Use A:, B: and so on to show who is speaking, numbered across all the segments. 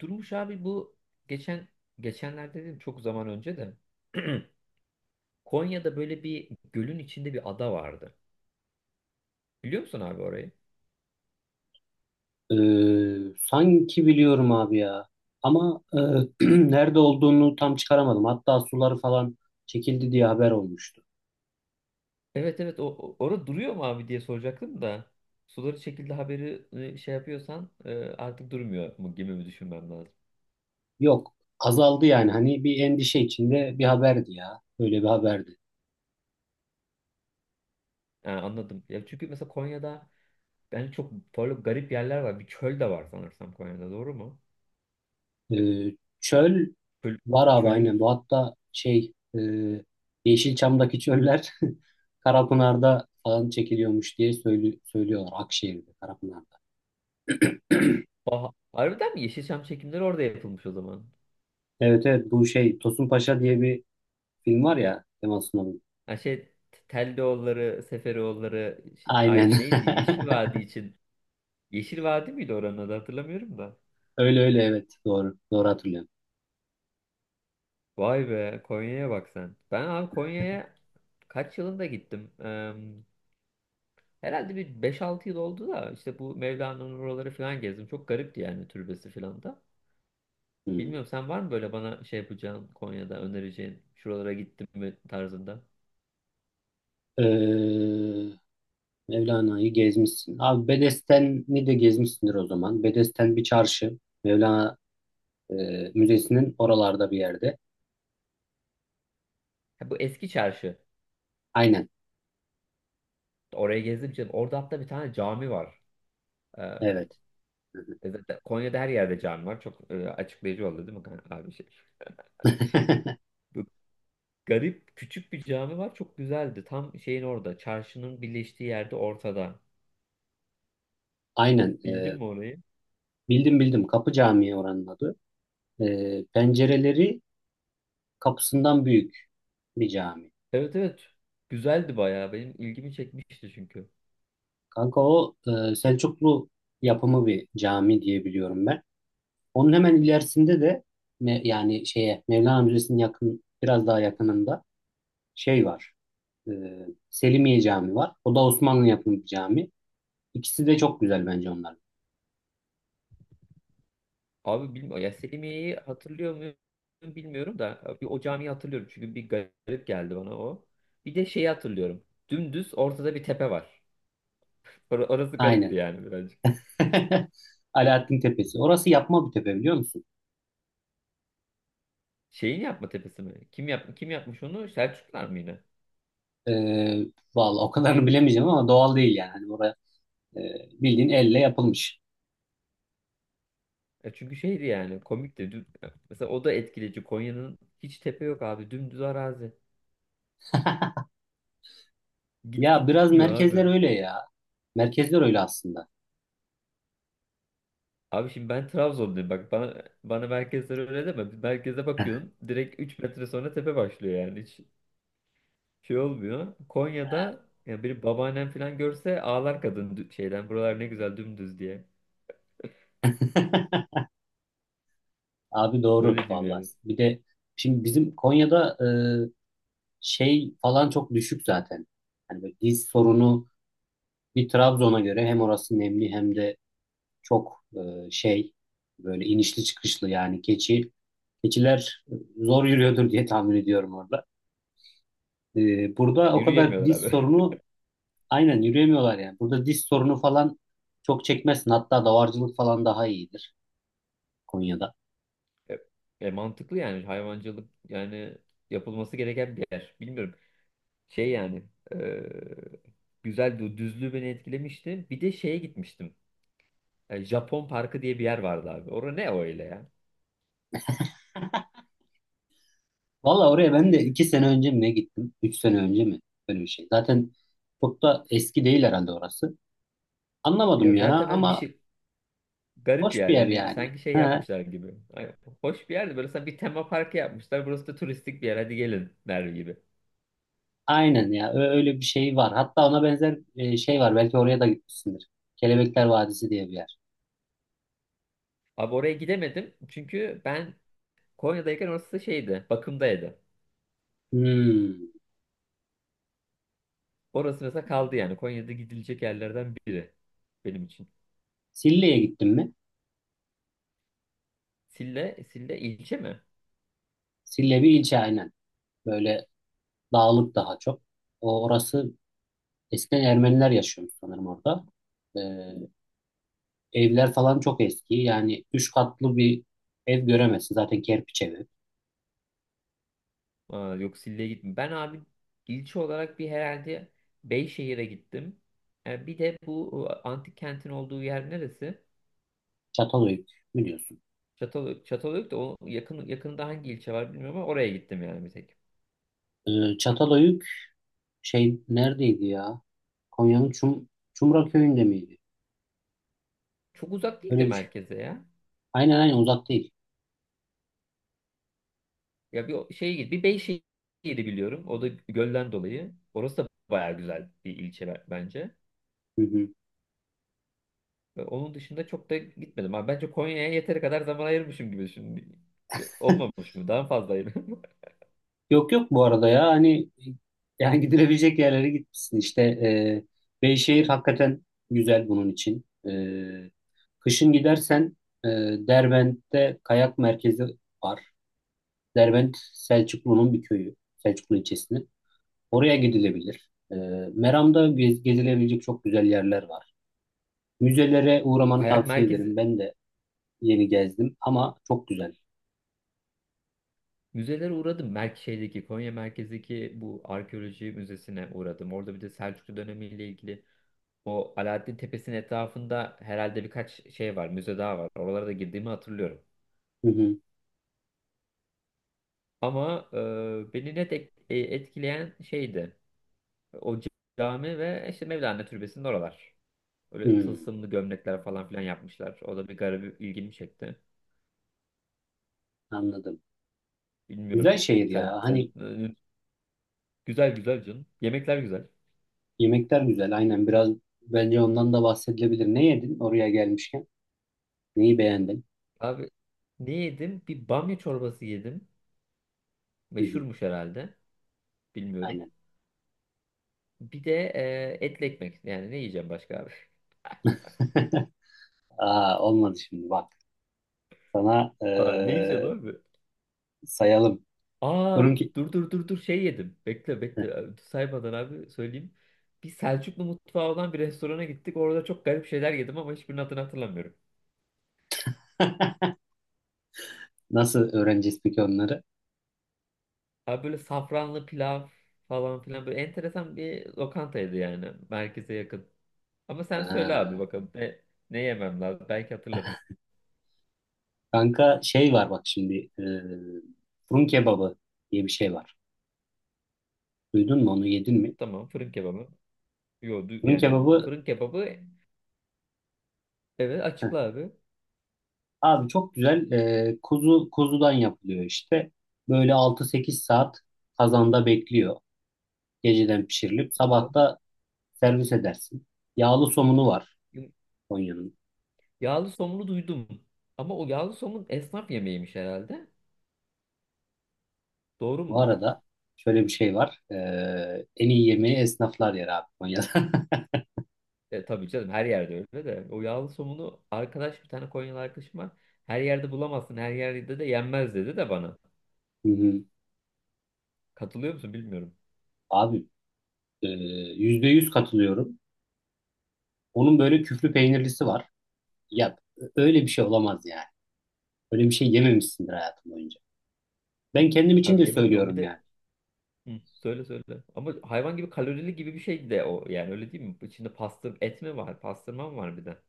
A: Durmuş abi bu geçen geçenlerde dedim, çok zaman önce de Konya'da böyle bir gölün içinde bir ada vardı. Biliyor musun abi orayı?
B: Sanki biliyorum abi ya. Ama e, nerede olduğunu tam çıkaramadım. Hatta suları falan çekildi diye haber olmuştu.
A: Evet, evet, orada duruyor mu abi diye soracaktım da suları çekildi haberi şey yapıyorsan artık durmuyor mu gibi mi düşünmem lazım.
B: Yok, azaldı yani. Hani bir endişe içinde bir haberdi ya. Böyle bir haberdi.
A: Ha, anladım. Ya çünkü mesela Konya'da yani çok böyle garip yerler var. Bir çöl de var sanırsam Konya'da, doğru mu?
B: Çöl
A: Çöl,
B: var abi aynen.
A: çölüm.
B: Bu hatta şey e, Yeşilçam'daki çöller Karapınar'da falan çekiliyormuş diye söylüyorlar. Akşehir'de, Karapınar'da.
A: Aha, harbiden mi? Yeşilçam çekimleri orada yapılmış o zaman.
B: Evet evet, bu şey Tosun Paşa diye bir film var ya, Kemal Sunal'ın.
A: Ha, şey, Teldeoğulları, Seferoğulları şey, ay,
B: Aynen.
A: neydi? Yeşil Vadi için. Yeşil Vadi miydi oranın adı, hatırlamıyorum da.
B: Öyle öyle, evet doğru. Doğru hatırlıyorum.
A: Vay be, Konya'ya bak sen. Ben abi Konya'ya kaç yılında gittim? Herhalde bir beş altı yıl oldu da işte bu Mevlana'nın oraları falan gezdim. Çok garipti yani türbesi falan da.
B: Hmm.
A: Bilmiyorum, sen var mı böyle bana şey yapacağın, Konya'da önereceğin, şuralara gittim mi tarzında?
B: Ee, Mevlana'yı gezmişsin. Abi Bedesten'i de gezmişsindir o zaman. Bedesten bir çarşı. Mevlana Müzesi'nin oralarda bir yerde.
A: Ha, bu eski çarşı.
B: Aynen.
A: Oraya gezdim canım. Orada hatta bir tane cami var.
B: Evet.
A: E zaten Konya'da her yerde cami var. Çok açıklayıcı oldu değil mi kan- abi şey? Bu garip küçük bir cami var. Çok güzeldi. Tam şeyin orada. Çarşının birleştiği yerde ortada.
B: Aynen.
A: Bildin mi orayı?
B: Bildim bildim. Kapı Camii oranın adı. Pencereleri kapısından büyük bir cami.
A: Evet, evet. Güzeldi bayağı. Benim ilgimi çekmişti çünkü.
B: Kanka o Selçuklu yapımı bir cami diye biliyorum ben. Onun hemen ilerisinde de yani şeye, Mevlana Müzesi'nin yakın biraz daha yakınında şey var. E, Selimiye Camii var. O da Osmanlı yapımı bir cami. İkisi de çok güzel bence onlar.
A: Abi bilmiyorum. Ya Selimiye'yi hatırlıyor muyum bilmiyorum da. Bir o camiyi hatırlıyorum. Çünkü bir garip geldi bana o. Bir de şeyi hatırlıyorum. Dümdüz ortada bir tepe var. Orası garipti
B: Aynen.
A: yani birazcık.
B: Alaaddin Tepesi. Orası yapma bir tepe, biliyor musun?
A: Şeyin yapma tepesi mi? Kim yapmış onu? Selçuklar mı yine?
B: E, Vallahi o kadarını bilemeyeceğim ama doğal değil yani. Hani oraya e, bildiğin elle yapılmış.
A: E çünkü şeydi yani komikti. Düm- Mesela o da etkileyici. Konya'nın hiç tepe yok abi. Dümdüz arazi. Git
B: Ya
A: git
B: biraz
A: bitmiyor
B: merkezler
A: abi.
B: öyle ya. Merkezler öyle aslında.
A: Abi şimdi ben Trabzonluyum. Bak bana merkezler öyle deme. Merkeze bakıyorsun. Direkt 3 metre sonra tepe başlıyor yani. Hiç şey olmuyor. Konya'da ya bir babaannem falan görse ağlar kadın dü- şeyden. Buralar ne güzel dümdüz diye.
B: Abi doğru
A: Öyle diyeyim
B: vallahi.
A: yani.
B: Bir de şimdi bizim Konya'da şey falan çok düşük zaten. Hani böyle diz sorunu bir Trabzon'a göre, hem orası nemli hem de çok şey, böyle inişli çıkışlı yani, keçiler zor yürüyordur diye tahmin ediyorum orada. Burada o kadar
A: Yürüyemiyorlar
B: diz
A: abi.
B: sorunu, aynen yürüyemiyorlar yani. Burada diz sorunu falan çok çekmezsin. Hatta davarcılık falan daha iyidir Konya'da.
A: E, mantıklı yani hayvancılık yani yapılması gereken bir yer. Bilmiyorum. Şey yani, e, güzel bir düzlüğü beni etkilemişti. Bir de şeye gitmiştim. E, Japon Parkı diye bir yer vardı abi. Orada ne öyle ya?
B: Valla oraya ben de 2 sene önce mi ne gittim? 3 sene önce mi? Böyle bir şey. Zaten çok da eski değil herhalde orası. Anlamadım
A: Ya
B: ya
A: zaten hani bir
B: ama
A: şey garip
B: boş bir
A: yani.
B: yer
A: Hani
B: yani.
A: sanki şey
B: Ha,
A: yapmışlar gibi. Hani hoş bir yerdi. Böyle sanki bir tema parkı yapmışlar. Burası da turistik bir yer. Hadi gelin der gibi.
B: aynen ya. Öyle bir şey var. Hatta ona benzer şey var. Belki oraya da gitmişsindir. Kelebekler Vadisi diye bir yer.
A: Abi oraya gidemedim. Çünkü ben Konya'dayken orası da şeydi. Bakımdaydı.
B: Hmm.
A: Orası mesela kaldı yani. Konya'da gidilecek yerlerden biri benim için.
B: Sille'ye gittin mi?
A: Sille, Sille ilçe mi?
B: Sille bir ilçe aynen. Böyle dağlık daha çok. Orası eskiden Ermeniler yaşıyormuş sanırım orada. Ee, Evler falan çok eski. Yani 3 katlı bir ev göremezsin. Zaten kerpiç evi.
A: Aa, yok, Sille'ye gittim. Ben abi ilçe olarak bir herhalde Beyşehir'e gittim. E, bir de bu antik kentin olduğu yer neresi?
B: Çatalhöyük biliyorsun.
A: Çatalhöyük. Çatalhöyük de o yakın, yakında hangi ilçe var bilmiyorum ama oraya gittim yani bir tek.
B: Çatalhöyük şey neredeydi ya? Konya'nın Çumra köyünde miydi?
A: Çok uzak değildi
B: Öyle bir şey.
A: merkeze ya.
B: Aynen aynen, uzak değil.
A: Ya bir o- şeye git. Bir Beyşehir'i biliyorum. O da gölden dolayı. Orası da baya güzel bir ilçe be- bence.
B: Hı hı.
A: Ve onun dışında çok da gitmedim. Abi bence Konya'ya yeteri kadar zaman ayırmışım gibi şimdi. Olmamış mı? Daha fazla ayırdım.
B: Yok yok, bu arada ya hani, yani gidilebilecek yerlere gitmişsin işte. Beyşehir hakikaten güzel bunun için. Kışın gidersen e, Derbent'te kayak merkezi var. Derbent Selçuklu'nun bir köyü, Selçuklu ilçesinin. Oraya gidilebilir. Meram'da gezilebilecek çok güzel yerler var. Müzelere uğramanı
A: Kayak
B: tavsiye
A: merkezi.
B: ederim. Ben de yeni gezdim ama çok güzel.
A: Müzelere uğradım. Merk şeydeki, Konya merkezdeki bu arkeoloji müzesine uğradım. Orada bir de Selçuklu dönemiyle ilgili o Alaaddin Tepesi'nin etrafında herhalde birkaç şey var, müze daha var. Oralara da girdiğimi hatırlıyorum.
B: Hı hı.
A: Ama beni net ek- etkileyen şeydi. O cami ve işte Mevlana Türbesi'nin oralar. Öyle
B: Hı,
A: tılsımlı gömlekler falan filan yapmışlar. O da bir garip ilgimi çekti.
B: anladım.
A: Bilmiyorum.
B: Güzel şehir
A: Sen
B: ya.
A: sen
B: Hani
A: e, güzel güzel canım. Yemekler güzel.
B: yemekler güzel. Aynen, biraz bence ondan da bahsedilebilir. Ne yedin oraya gelmişken? Neyi beğendin?
A: Abi ne yedim? Bir bamya çorbası yedim.
B: Hı hı,
A: Meşhurmuş herhalde. Bilmiyorum.
B: aynen.
A: Bir de etli ekmek. Yani ne yiyeceğim başka abi?
B: Aa, olmadı şimdi bak. Sana
A: Ha, ne yiyeceğim abi?
B: sayalım.
A: Aa,
B: Durun ki
A: dur, şey yedim. Bekle, saymadan abi söyleyeyim. Bir Selçuklu mutfağı olan bir restorana gittik. Orada çok garip şeyler yedim ama hiçbirinin adını hatırlamıyorum.
B: nasıl öğreneceğiz peki onları?
A: Abi böyle safranlı pilav falan filan, böyle enteresan bir lokantaydı yani. Merkeze yakın. Ama sen söyle abi
B: Aa,
A: bakalım ne yemem lazım. Belki hatırlarım.
B: kanka şey var bak şimdi. Fırın kebabı diye bir şey var. Duydun mu, onu yedin mi?
A: Tamam, fırın kebabı. Yo, du-
B: Fırın
A: yani
B: kebabı.
A: fırın kebabı. Evet, açıkla abi.
B: Abi çok güzel, kuzudan yapılıyor işte. Böyle 6-8 saat kazanda bekliyor. Geceden pişirilip
A: O.
B: sabah da servis edersin. Yağlı somunu var Konya'nın.
A: Yağlı somunu duydum. Ama o yağlı somun esnaf yemeğiymiş herhalde. Doğru
B: Bu
A: mudur?
B: arada şöyle bir şey var. En iyi yemeği esnaflar yer abi Konya'da.
A: E, tabii canım, her yerde öyle de. O yağlı somunu arkadaş, bir tane Konyalı arkadaşım var. Her yerde bulamazsın. Her yerde de yenmez dedi de bana.
B: Hı hı.
A: Katılıyor musun bilmiyorum.
B: Abi, e, %100 katılıyorum. Onun böyle küflü peynirlisi var. Ya öyle bir şey olamaz yani. Öyle bir şey yememişsindir hayatım boyunca. Ben kendim için
A: Abi
B: de
A: yemedi de o bir
B: söylüyorum
A: de.
B: yani.
A: Hı, söyle söyle. Ama hayvan gibi kalorili gibi bir şey de o. Yani öyle değil mi? İçinde pastır et mi var? Pastırma mı var bir de?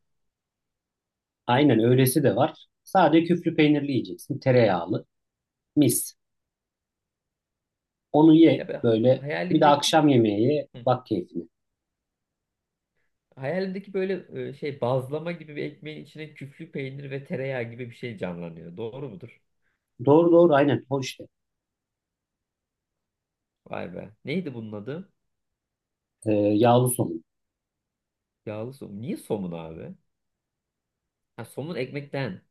B: Aynen, öylesi de var. Sadece küflü peynirli yiyeceksin. Tereyağlı. Mis. Onu ye
A: Ya ben
B: böyle. Bir de
A: hayalimdeki.
B: akşam yemeği ye.
A: Hı.
B: Bak keyfine.
A: Hayalimdeki böyle, şey, bazlama gibi bir ekmeğin içine küflü peynir ve tereyağı gibi bir şey canlanıyor. Doğru mudur?
B: Doğru doğru aynen. O işte.
A: Vay be. Neydi bunun adı?
B: Yağlı somun.
A: Yağlı somun. Niye somun abi? Ha, somun ekmekten.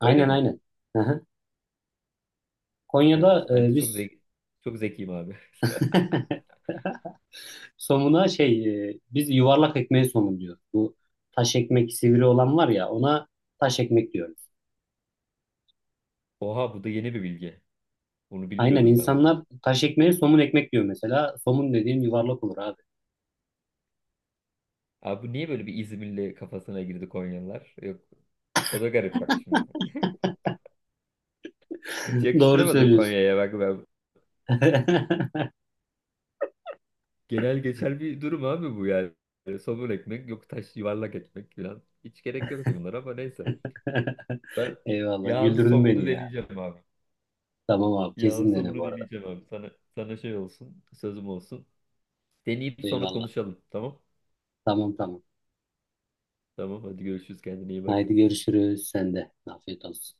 A: Öyle mi?
B: aynen. Hı hı.
A: Evet.
B: Konya'da
A: Ben de çok
B: biz
A: zeki, çok zekiyim abi.
B: somuna şey, biz yuvarlak ekmeğe somun diyoruz. Bu taş ekmek, sivri olan var ya, ona taş ekmek diyoruz.
A: Oha, bu da yeni bir bilgi. Bunu
B: Aynen,
A: bilmiyordum ben abi.
B: insanlar taş ekmeğe somun ekmek diyor mesela. Somun dediğin yuvarlak olur abi.
A: Abi bu niye böyle bir İzmirli kafasına girdi Konyalılar? Yok. O da garip bak şimdi. Hiç
B: Doğru
A: yakıştıramadım
B: söylüyorsun.
A: Konya'ya, bak ben. Genel geçer bir durum abi bu yani. Yani somun ekmek yok, taş, yuvarlak ekmek falan. Hiç gerek yok bunlara ama neyse.
B: Eyvallah.
A: Yağlı
B: Güldürdün
A: somunu
B: beni ya.
A: deneyeceğim abi.
B: Tamam abi.
A: Yağlı
B: Kesin dene
A: somunu
B: bu arada.
A: deneyeceğim abi. Sana şey olsun, sözüm olsun. Deneyip sonra
B: Eyvallah.
A: konuşalım. Tamam?
B: Tamam tamam.
A: Tamam, hadi görüşürüz, kendine iyi bak.
B: Haydi görüşürüz. Sen de. Afiyet olsun.